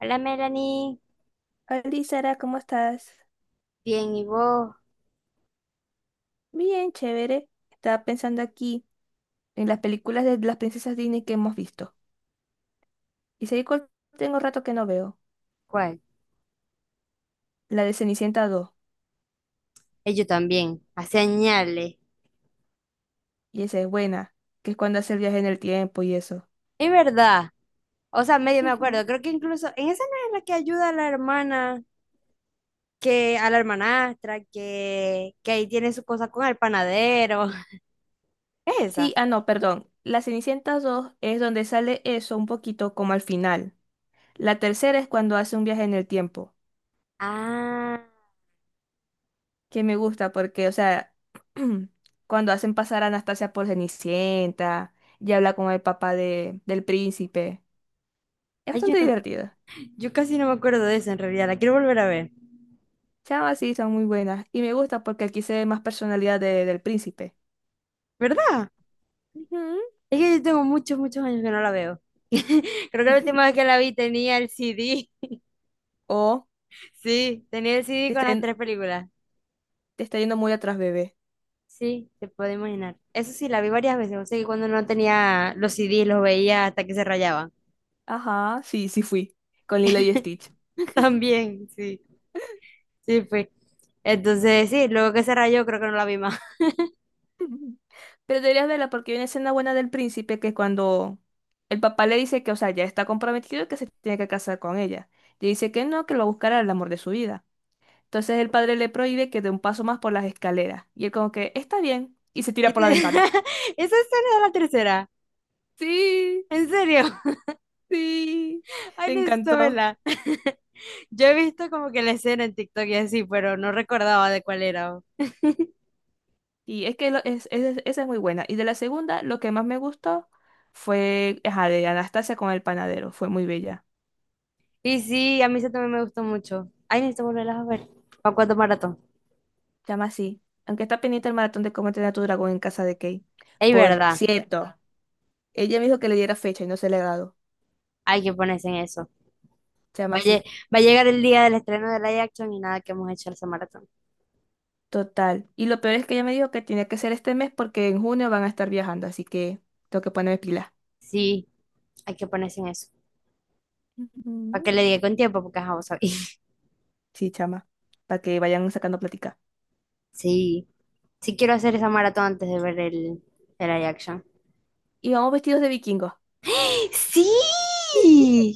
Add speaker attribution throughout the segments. Speaker 1: Hola, Melanie.
Speaker 2: Hola, Sara, ¿cómo estás?
Speaker 1: Bien, ¿y vos?
Speaker 2: Bien, chévere. Estaba pensando aquí en las películas de las princesas Disney que hemos visto. Y sé cuál tengo rato que no veo.
Speaker 1: ¿Cuál?
Speaker 2: La de Cenicienta 2.
Speaker 1: Yo también. A señales.
Speaker 2: Y esa es buena, que es cuando hace el viaje en el tiempo y eso.
Speaker 1: Es verdad. O sea, medio me
Speaker 2: Ujú.
Speaker 1: acuerdo. Creo que incluso en esa no es la que ayuda a la hermana, que a la hermanastra, que ahí tiene su cosa con el panadero. ¿Es
Speaker 2: Sí,
Speaker 1: esa?
Speaker 2: ah, no, perdón. La Cenicienta 2 es donde sale eso un poquito como al final. La tercera es cuando hace un viaje en el tiempo,
Speaker 1: Ah.
Speaker 2: que me gusta porque, o sea, cuando hacen pasar a Anastasia por Cenicienta y habla con el papá del príncipe. Es
Speaker 1: Ay,
Speaker 2: bastante divertida.
Speaker 1: yo casi no me acuerdo de esa en realidad. La quiero volver a ver.
Speaker 2: Chamas sí son muy buenas. Y me gusta porque aquí se ve más personalidad del príncipe.
Speaker 1: ¿Verdad?
Speaker 2: Ujú.
Speaker 1: Es que yo tengo muchos, muchos años que no la veo. Creo que la última vez que la vi tenía el CD.
Speaker 2: O
Speaker 1: Sí, tenía el CD
Speaker 2: te
Speaker 1: con
Speaker 2: está,
Speaker 1: las
Speaker 2: yen-
Speaker 1: tres películas.
Speaker 2: te está yendo muy atrás, bebé.
Speaker 1: Sí, te puedo imaginar. Eso sí, la vi varias veces. O sea, que cuando no tenía los CDs, los veía hasta que se rayaban.
Speaker 2: Ajá, sí, sí fui. Con Lilo y Stitch.
Speaker 1: También, sí, sí fue. Entonces, sí, luego que se rayó, creo que no la vi más.
Speaker 2: Pero deberías verla porque hay una escena buena del príncipe que es cuando el papá le dice que, o sea, ya está comprometido y que se tiene que casar con ella. Le dice que no, que lo buscará el amor de su vida. Entonces el padre le prohíbe que dé un paso más por las escaleras. Y él como que, está bien. Y se tira por la ventana.
Speaker 1: Esa escena de la tercera.
Speaker 2: Sí.
Speaker 1: ¿En serio?
Speaker 2: Sí,
Speaker 1: Ay,
Speaker 2: me
Speaker 1: necesito
Speaker 2: encantó.
Speaker 1: verla. Yo he visto como que la escena en TikTok y así, pero no recordaba de cuál era.
Speaker 2: Y es que esa es muy buena. Y de la segunda, lo que más me gustó fue, ajá, de Anastasia con el panadero. Fue muy bella.
Speaker 1: Y sí, a mí eso también me gustó mucho. Ay, necesito volverlas a ver. ¿Para cuánto maratón?
Speaker 2: Se llama así. Aunque está pendiente el maratón de cómo entrenar a tu dragón en casa de Kate.
Speaker 1: Es
Speaker 2: Por
Speaker 1: verdad,
Speaker 2: cierto, ella me dijo que le diera fecha y no se le ha dado.
Speaker 1: hay que ponerse en eso.
Speaker 2: Se llama
Speaker 1: Va a, lle-
Speaker 2: así.
Speaker 1: va a llegar el día del estreno de live action y nada que hemos hecho esa maratón.
Speaker 2: Total. Y lo peor es que ella me dijo que tenía que ser este mes porque en junio van a estar viajando. Así que tengo que ponerme pilas.
Speaker 1: Sí, hay que ponerse en eso. Para que
Speaker 2: Ujú.
Speaker 1: le diga con tiempo, porque ajá, vos sabés.
Speaker 2: Sí, chama. Para que vayan sacando plática.
Speaker 1: Sí, sí quiero hacer esa maratón antes de ver el live action.
Speaker 2: Y vamos vestidos de vikingos.
Speaker 1: ¡Sí!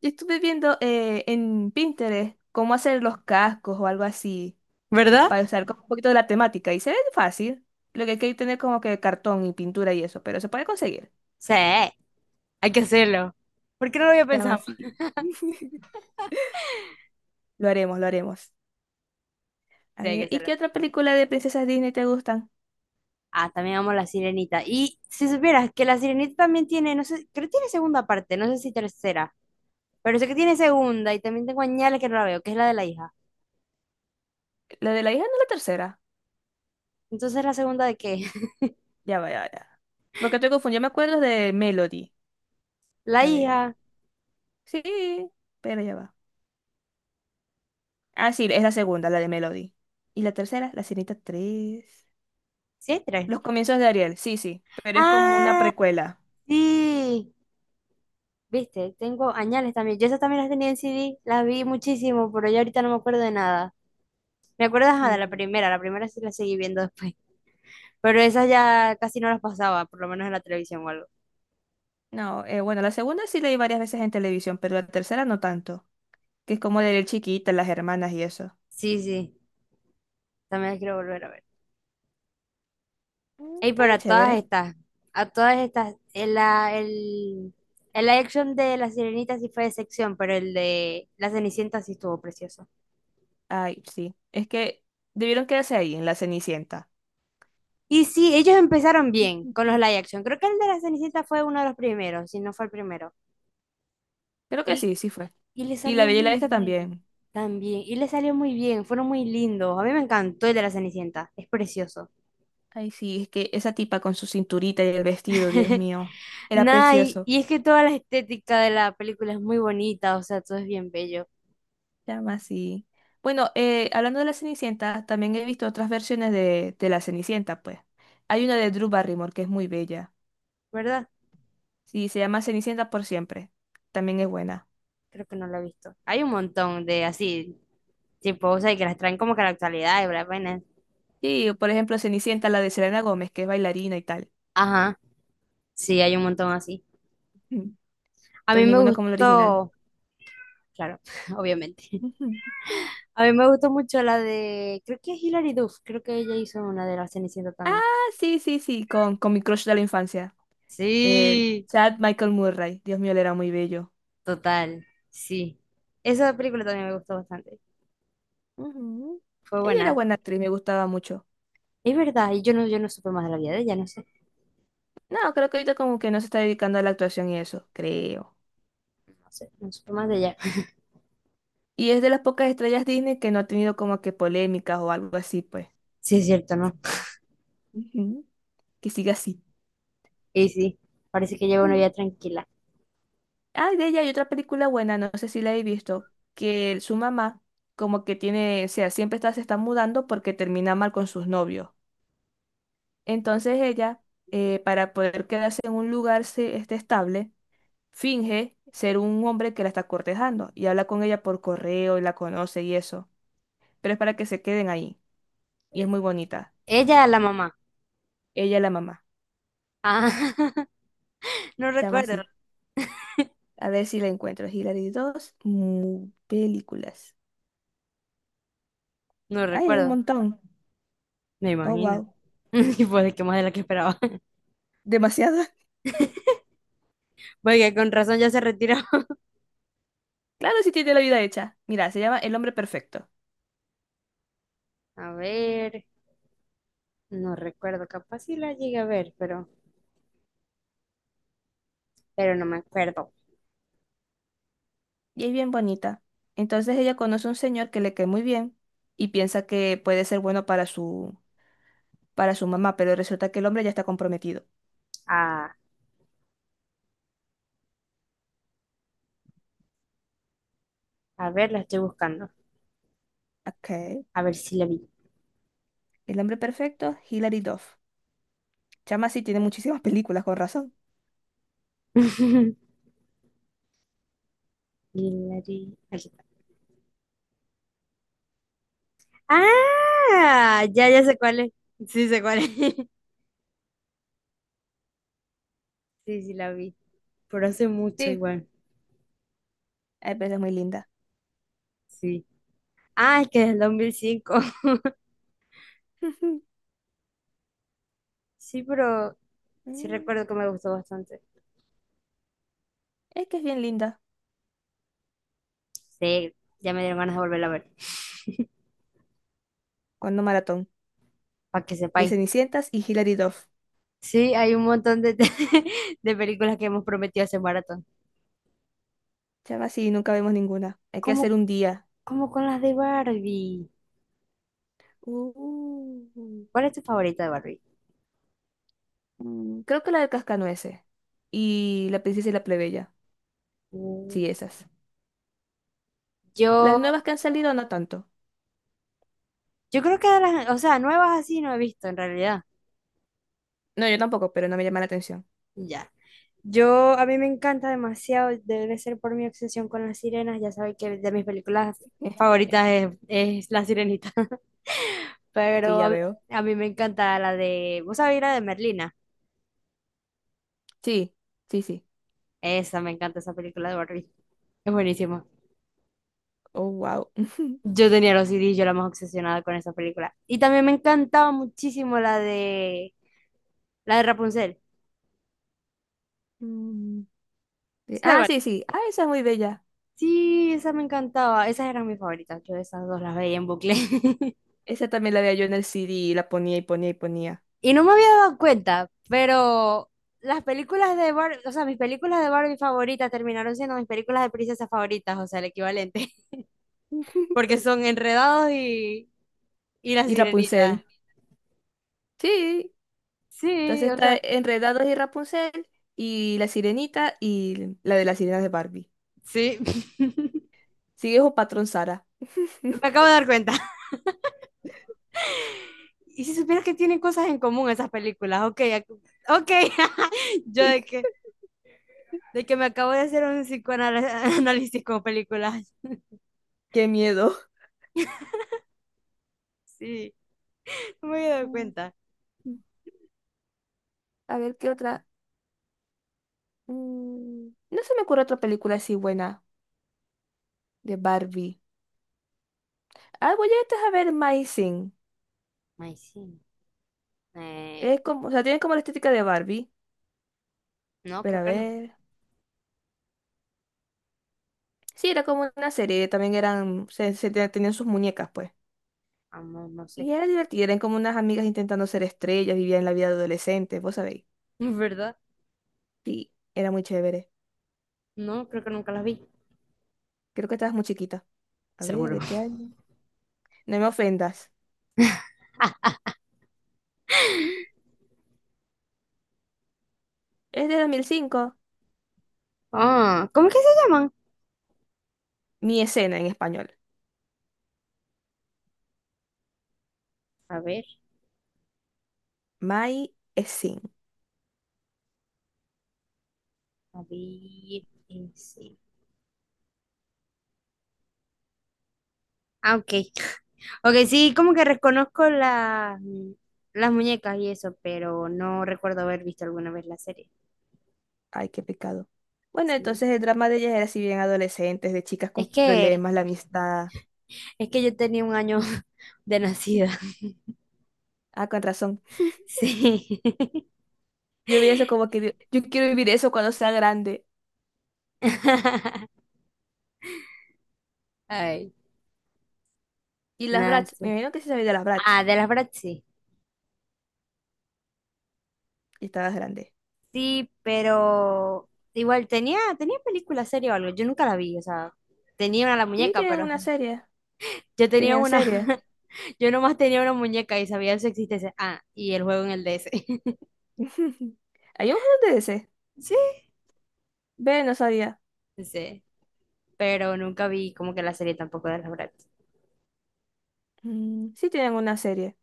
Speaker 2: Yo estuve viendo en Pinterest cómo hacer los cascos o algo así,
Speaker 1: ¿Verdad?
Speaker 2: para usar como un poquito de la temática. Y se ve fácil. Lo que hay que tener como que cartón y pintura y eso, pero se puede conseguir.
Speaker 1: Sí, hay que hacerlo. ¿Por qué no lo había
Speaker 2: Se llama
Speaker 1: pensado?
Speaker 2: así. Lo haremos, lo haremos.
Speaker 1: Sí,
Speaker 2: A
Speaker 1: hay que
Speaker 2: ver, ¿y
Speaker 1: hacerlo.
Speaker 2: qué otra película de princesas Disney te gustan?
Speaker 1: Ah, también amo La Sirenita. Y si supieras que La Sirenita también tiene, no sé, creo que tiene segunda parte, no sé si tercera, pero sé que tiene segunda y también tengo añales que no la veo, que es la de la hija.
Speaker 2: ¿La de la hija no es la tercera?
Speaker 1: Entonces, ¿la segunda de qué?
Speaker 2: Ya va, ya. Porque estoy confundida me acuerdo de Melody.
Speaker 1: La
Speaker 2: A ver.
Speaker 1: hija.
Speaker 2: Sí, pero ya va. Ah, sí, es la segunda, la de Melody. ¿Y la tercera? La Sirenita tres.
Speaker 1: Sí, hay tres.
Speaker 2: Los comienzos de Ariel, sí, pero es como una
Speaker 1: Ah,
Speaker 2: precuela.
Speaker 1: sí. Viste, tengo añales también. Yo esas también las tenía en CD, las vi muchísimo, pero ya ahorita no me acuerdo de nada. Me acuerdo ajá, de la
Speaker 2: Sí.
Speaker 1: primera, la primera sí la seguí viendo después. Pero esas ya casi no las pasaba, por lo menos en la televisión o algo.
Speaker 2: No, bueno, la segunda sí leí varias veces en televisión, pero la tercera no tanto, que es como de Ariel chiquita, las hermanas y eso.
Speaker 1: Sí, sí, también las quiero volver a ver.
Speaker 2: Mm,
Speaker 1: Ey, pero
Speaker 2: estaría
Speaker 1: a
Speaker 2: chévere.
Speaker 1: todas estas, a todas estas, el live action de La Sirenita sí fue de sección, pero el de La Cenicienta sí estuvo precioso.
Speaker 2: Ay, sí, es que debieron quedarse ahí, en la Cenicienta.
Speaker 1: Y sí, ellos empezaron bien con los live action. Creo que el de la Cenicienta fue uno de los primeros, si no fue el primero.
Speaker 2: Creo que
Speaker 1: Y,
Speaker 2: sí, sí fue.
Speaker 1: y le
Speaker 2: Y la
Speaker 1: salió
Speaker 2: Bella y la
Speaker 1: muy
Speaker 2: Bestia
Speaker 1: bien
Speaker 2: también.
Speaker 1: también. Y le salió muy bien, fueron muy lindos. A mí me encantó el de la Cenicienta, es precioso.
Speaker 2: Ay, sí, es que esa tipa con su cinturita y el vestido, Dios mío, era
Speaker 1: Nada, y,
Speaker 2: precioso.
Speaker 1: y es que toda la estética de la película es muy bonita, o sea, todo es bien bello,
Speaker 2: Llama así. Bueno, hablando de la Cenicienta, también he visto otras versiones de la Cenicienta, pues. Hay una de Drew Barrymore que es muy bella.
Speaker 1: ¿verdad?
Speaker 2: Sí, se llama Cenicienta por siempre. También es buena.
Speaker 1: Creo que no lo he visto. Hay un montón de así, tipo, o sea, y que las traen como que a la actualidad y bla, bla, bla.
Speaker 2: Y, por ejemplo, Cenicienta, la de Selena Gómez, que es bailarina y tal.
Speaker 1: Ajá, sí, hay un montón así.
Speaker 2: Ujú.
Speaker 1: A
Speaker 2: Pero
Speaker 1: mí me
Speaker 2: ninguna como la original.
Speaker 1: gustó, claro, obviamente.
Speaker 2: Ujú.
Speaker 1: A mí me gustó mucho la de, creo que es Hilary Duff, creo que ella hizo una de la Cenicienta
Speaker 2: Ah,
Speaker 1: también.
Speaker 2: sí, con mi crush de la infancia.
Speaker 1: Sí,
Speaker 2: Chad Michael Murray. Dios mío, él era muy bello.
Speaker 1: total, sí. Esa película también me gustó bastante.
Speaker 2: Ujú.
Speaker 1: Fue
Speaker 2: Ella era
Speaker 1: buena.
Speaker 2: buena actriz, me gustaba mucho.
Speaker 1: Es verdad, y yo no supe más de la vida de ella, no sé,
Speaker 2: No, creo que ahorita como que no se está dedicando a la actuación y eso, creo.
Speaker 1: no sé, no supe más de ella.
Speaker 2: Y es de las pocas estrellas Disney que no ha tenido como que polémicas o algo así, pues.
Speaker 1: Sí, es cierto, ¿no?
Speaker 2: Ujú. Que siga así.
Speaker 1: Y sí, parece que lleva una vida
Speaker 2: Ujú.
Speaker 1: tranquila.
Speaker 2: Ah, de ella hay otra película buena, no sé si la he visto, que su mamá como que tiene, o sea, siempre está, se está mudando porque termina mal con sus novios. Entonces ella, para poder quedarse en un lugar estable, finge ser un hombre que la está cortejando y habla con ella por correo y la conoce y eso, pero es para que se queden ahí. Y es muy bonita.
Speaker 1: Ella, la mamá.
Speaker 2: Ella la mamá.
Speaker 1: Ah, no
Speaker 2: Se llama
Speaker 1: recuerdo,
Speaker 2: así. A ver si la encuentro. Hilary 2, mu- películas.
Speaker 1: no
Speaker 2: Ay, hay un
Speaker 1: recuerdo,
Speaker 2: montón.
Speaker 1: me
Speaker 2: Oh,
Speaker 1: imagino.
Speaker 2: wow.
Speaker 1: Y pues de que más de la que esperaba.
Speaker 2: Demasiada.
Speaker 1: Porque con razón ya se retiró.
Speaker 2: Claro, si tiene la vida hecha. Mira, se llama El hombre perfecto.
Speaker 1: A ver. No recuerdo, capaz si la llegué a ver, pero no me acuerdo.
Speaker 2: Y es bien bonita. Entonces ella conoce a un señor que le cae muy bien y piensa que puede ser bueno para su mamá, pero resulta que el hombre ya está comprometido.
Speaker 1: A, a ver, la estoy buscando.
Speaker 2: Ok.
Speaker 1: A ver si la vi.
Speaker 2: El hombre perfecto, Hilary Duff. Chama sí tiene muchísimas películas, con razón.
Speaker 1: Aquí está. ¡Ah! Ya sé cuál es. Sí, sé cuál es. Sí, sí, la vi. Pero hace mucho
Speaker 2: Sí,
Speaker 1: igual.
Speaker 2: ay, pero es muy linda.
Speaker 1: Sí. Ah, es que es del 5. Sí, pero sí
Speaker 2: Mm,
Speaker 1: recuerdo que me gustó bastante.
Speaker 2: es que es bien linda.
Speaker 1: Sí, ya me dieron ganas de volverla a ver.
Speaker 2: Cuando maratón.
Speaker 1: Para que
Speaker 2: De
Speaker 1: sepáis.
Speaker 2: Cenicientas y Hilary Duff.
Speaker 1: Sí, hay un montón de, de películas que hemos prometido hacer maratón.
Speaker 2: Chama, sí, nunca vemos ninguna. Hay que hacer
Speaker 1: ¿Cómo
Speaker 2: un día.
Speaker 1: Como con las de Barbie.
Speaker 2: Uh,
Speaker 1: ¿Cuál es tu favorita de Barbie?
Speaker 2: mm, creo que la del Cascanueces. Y la princesa y la plebeya.
Speaker 1: Mm,
Speaker 2: Sí, esas. Las
Speaker 1: Yo,
Speaker 2: nuevas que han salido, no tanto.
Speaker 1: yo creo que de las, o sea, nuevas así no he visto en realidad.
Speaker 2: No, yo tampoco, pero no me llama la atención.
Speaker 1: Ya. A mí me encanta demasiado, debe ser por mi obsesión con las sirenas. Ya sabes que de mis películas favoritas es La Sirenita.
Speaker 2: Sí,
Speaker 1: Pero
Speaker 2: ya
Speaker 1: a,
Speaker 2: veo.
Speaker 1: a mí me encanta la de, ¿vos sabés la de Merlina?
Speaker 2: Sí, sí, sí.
Speaker 1: Esa, me encanta esa película de Barbie. Es buenísima.
Speaker 2: Oh, wow.
Speaker 1: Yo tenía los CDs, yo era más obsesionada con esa película. Y también me encantaba muchísimo la de Rapunzel.
Speaker 2: Mm, sí.
Speaker 1: Sí, tal
Speaker 2: Ah,
Speaker 1: cual.
Speaker 2: sí, sí. Ah, esa es muy bella.
Speaker 1: Sí, esa me encantaba. Esas eran mis favoritas. Yo esas dos las veía en bucle.
Speaker 2: Esa también la veía yo en el CD y la ponía y ponía y ponía.
Speaker 1: Y no me había dado cuenta, pero las películas de Barbie, o sea, mis películas de Barbie favoritas terminaron siendo mis películas de princesas favoritas, o sea, el equivalente. Porque son Enredados y La
Speaker 2: Y Rapunzel.
Speaker 1: Sirenita.
Speaker 2: Sí,
Speaker 1: Sí,
Speaker 2: entonces
Speaker 1: o
Speaker 2: está
Speaker 1: sea,
Speaker 2: Enredados y Rapunzel y La Sirenita y la de las sirenas de Barbie.
Speaker 1: sí.
Speaker 2: Sigue un patrón Sara.
Speaker 1: Me acabo de dar cuenta. Y si supieras que tienen cosas en común esas películas, ok, ok. Yo de que me acabo de hacer un psicoanálisis con películas.
Speaker 2: Qué miedo.
Speaker 1: Sí, no me había dado
Speaker 2: Mm,
Speaker 1: cuenta.
Speaker 2: a ver, ¿qué otra? Mm, no se me ocurre otra película así buena de Barbie. Ah, voy a ver My Sing.
Speaker 1: Ay, sí. Eh,
Speaker 2: Es como, o sea, tienen como la estética de Barbie.
Speaker 1: no,
Speaker 2: Pero
Speaker 1: creo
Speaker 2: a
Speaker 1: que no.
Speaker 2: ver. Sí, era como una serie. También eran, tenían sus muñecas, pues.
Speaker 1: Ah, no, no sé.
Speaker 2: Y era divertida. Eran como unas amigas intentando ser estrellas. Vivían la vida de adolescente, vos sabéis.
Speaker 1: ¿Verdad?
Speaker 2: Sí, era muy chévere.
Speaker 1: No, creo que nunca las vi.
Speaker 2: Creo que estabas muy chiquita. A ver,
Speaker 1: Seguro.
Speaker 2: ¿de qué año? No me ofendas. Es de 2005.
Speaker 1: Ah, ¿cómo es que se llaman?
Speaker 2: Mi escena en español.
Speaker 1: A ver,
Speaker 2: My scene.
Speaker 1: a ver. Sí. Ah, ok. Ok, sí, como que reconozco las muñecas y eso, pero no recuerdo haber visto alguna vez la serie.
Speaker 2: Ay, qué pecado. Bueno,
Speaker 1: Sí.
Speaker 2: entonces el drama de ellas era así bien adolescentes, de chicas con
Speaker 1: Es que,
Speaker 2: problemas, la amistad.
Speaker 1: es que yo tenía 1 año de nacida.
Speaker 2: Ah, con razón.
Speaker 1: Sí.
Speaker 2: Yo vi eso como que digo, yo quiero vivir eso cuando sea grande.
Speaker 1: Ay,
Speaker 2: Y las Bratz, me
Speaker 1: nace
Speaker 2: imagino que sí sabía de las Bratz.
Speaker 1: Ah, de las Bratz sí.
Speaker 2: Y estabas grande.
Speaker 1: Sí, pero igual tenía película, serie o algo. Yo nunca la vi, o sea, tenía una la
Speaker 2: Sí,
Speaker 1: muñeca,
Speaker 2: tenían
Speaker 1: pero
Speaker 2: una serie.
Speaker 1: yo tenía
Speaker 2: Tenían
Speaker 1: una,
Speaker 2: serie.
Speaker 1: yo nomás tenía una muñeca y sabía de su existencia. Ah, y el juego en el DS.
Speaker 2: ¿Hay un juego de ese?
Speaker 1: Sí,
Speaker 2: Ve, no sabía.
Speaker 1: sí. Pero nunca vi como que la serie tampoco de las Bratz.
Speaker 2: Mm, sí, tenían una serie.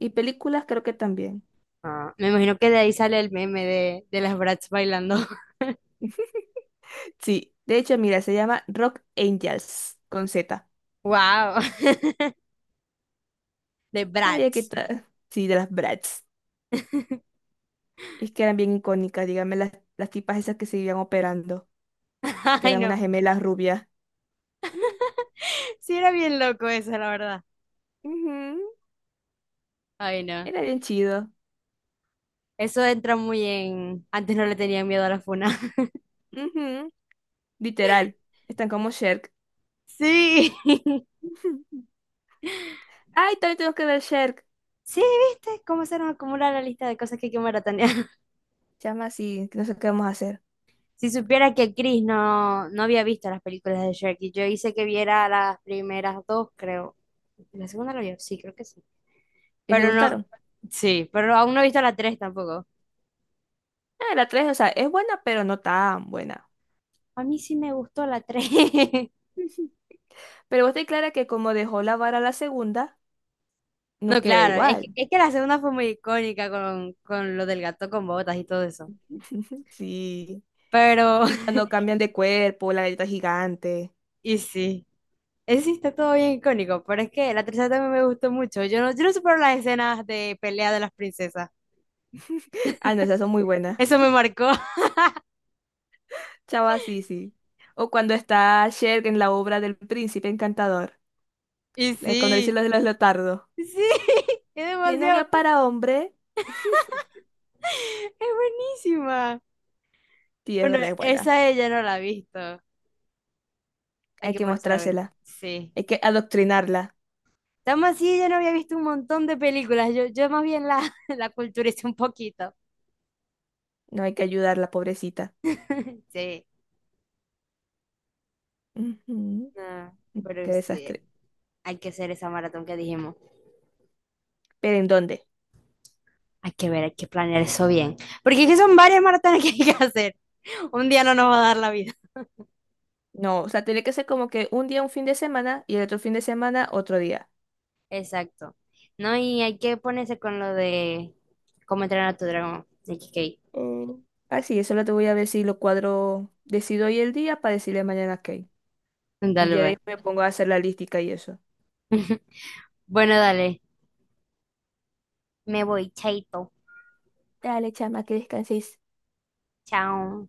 Speaker 2: Y películas creo que también.
Speaker 1: Ah, me imagino que de ahí sale el meme de las Bratz bailando.
Speaker 2: Sí, de hecho, mira, se llama Rock Angels con Z.
Speaker 1: Wow, de
Speaker 2: Ay, aquí
Speaker 1: Bratz.
Speaker 2: está. Sí, de las Bratz. Es que eran bien icónicas, dígame, las tipas esas que se iban operando, que
Speaker 1: Ay,
Speaker 2: eran unas
Speaker 1: no.
Speaker 2: gemelas rubias. Mm,
Speaker 1: Sí, era bien loco eso, la verdad.
Speaker 2: ujú,
Speaker 1: Ay, no.
Speaker 2: era bien chido.
Speaker 1: Eso entra muy en. Antes no le tenían miedo a la funa.
Speaker 2: Ujú, literal. Están como Sherk.
Speaker 1: Sí,
Speaker 2: Ujú. Ay, también tenemos que ver Sherk.
Speaker 1: sí, ¿viste? Cómo se nos acumula la lista de cosas que hay que maratonear.
Speaker 2: Llama así, que no sé qué vamos a hacer.
Speaker 1: Si supiera que Chris no había visto las películas de Shrek y yo hice que viera las primeras dos, creo. La segunda la vio, sí, creo que sí.
Speaker 2: ¿Y le
Speaker 1: Pero no,
Speaker 2: gustaron?
Speaker 1: sí, pero aún no he visto la tres tampoco.
Speaker 2: Ah, la 3, o sea, es buena, pero no tan buena.
Speaker 1: A mí sí me gustó la tres.
Speaker 2: Ujú. Pero vos te clara que como dejó la vara a la segunda, no
Speaker 1: No,
Speaker 2: queda
Speaker 1: claro, es
Speaker 2: igual.
Speaker 1: que, es que la segunda fue muy icónica con, lo del gato con botas y todo eso.
Speaker 2: Sí.
Speaker 1: Pero,
Speaker 2: Y cuando cambian de cuerpo, la letra gigante.
Speaker 1: y sí. Ese sí está todo bien icónico, pero es que la tercera también me gustó mucho. Yo no supero las escenas de pelea de las princesas.
Speaker 2: Ah, no, esas son muy buenas.
Speaker 1: Eso me marcó.
Speaker 2: Chava, sí, sí. O cuando está Cher en la obra del Príncipe Encantador.
Speaker 1: Y
Speaker 2: Cuando dice
Speaker 1: sí,
Speaker 2: lo de los leotardos.
Speaker 1: sí, es
Speaker 2: Que no
Speaker 1: demasiado,
Speaker 2: había para hombre.
Speaker 1: es buenísima.
Speaker 2: Sí, es
Speaker 1: Bueno,
Speaker 2: verdad, es buena.
Speaker 1: esa ella no la ha visto. Hay
Speaker 2: Hay
Speaker 1: que
Speaker 2: que
Speaker 1: ponerse a ver.
Speaker 2: mostrársela.
Speaker 1: Sí.
Speaker 2: Hay que adoctrinarla.
Speaker 1: Estamos así, yo no había visto un montón de películas. Yo más bien la, la culturé un poquito.
Speaker 2: No hay que ayudarla, pobrecita.
Speaker 1: Sí,
Speaker 2: Ujú.
Speaker 1: no,
Speaker 2: Qué
Speaker 1: pero sí,
Speaker 2: desastre.
Speaker 1: hay que hacer esa maratón que dijimos.
Speaker 2: ¿Pero en dónde?
Speaker 1: Hay que ver, hay que planear eso bien. Porque es que son varias maratones que hay que hacer. Un día no nos va a dar la vida.
Speaker 2: No, o sea, tiene que ser como que un día un fin de semana y el otro fin de semana otro día.
Speaker 1: Exacto. No, y hay que ponerse con lo de cómo entrenar a tu dragón de Kikei.
Speaker 2: Eh, sí, eso lo te voy a ver si lo cuadro, decido hoy el día para decirle mañana qué. Y
Speaker 1: Dale,
Speaker 2: ya de
Speaker 1: pues.
Speaker 2: ahí me pongo a hacer la lística y eso.
Speaker 1: Bueno, dale. Me voy, chaito.
Speaker 2: Dale, chama, que descanses.
Speaker 1: Chao.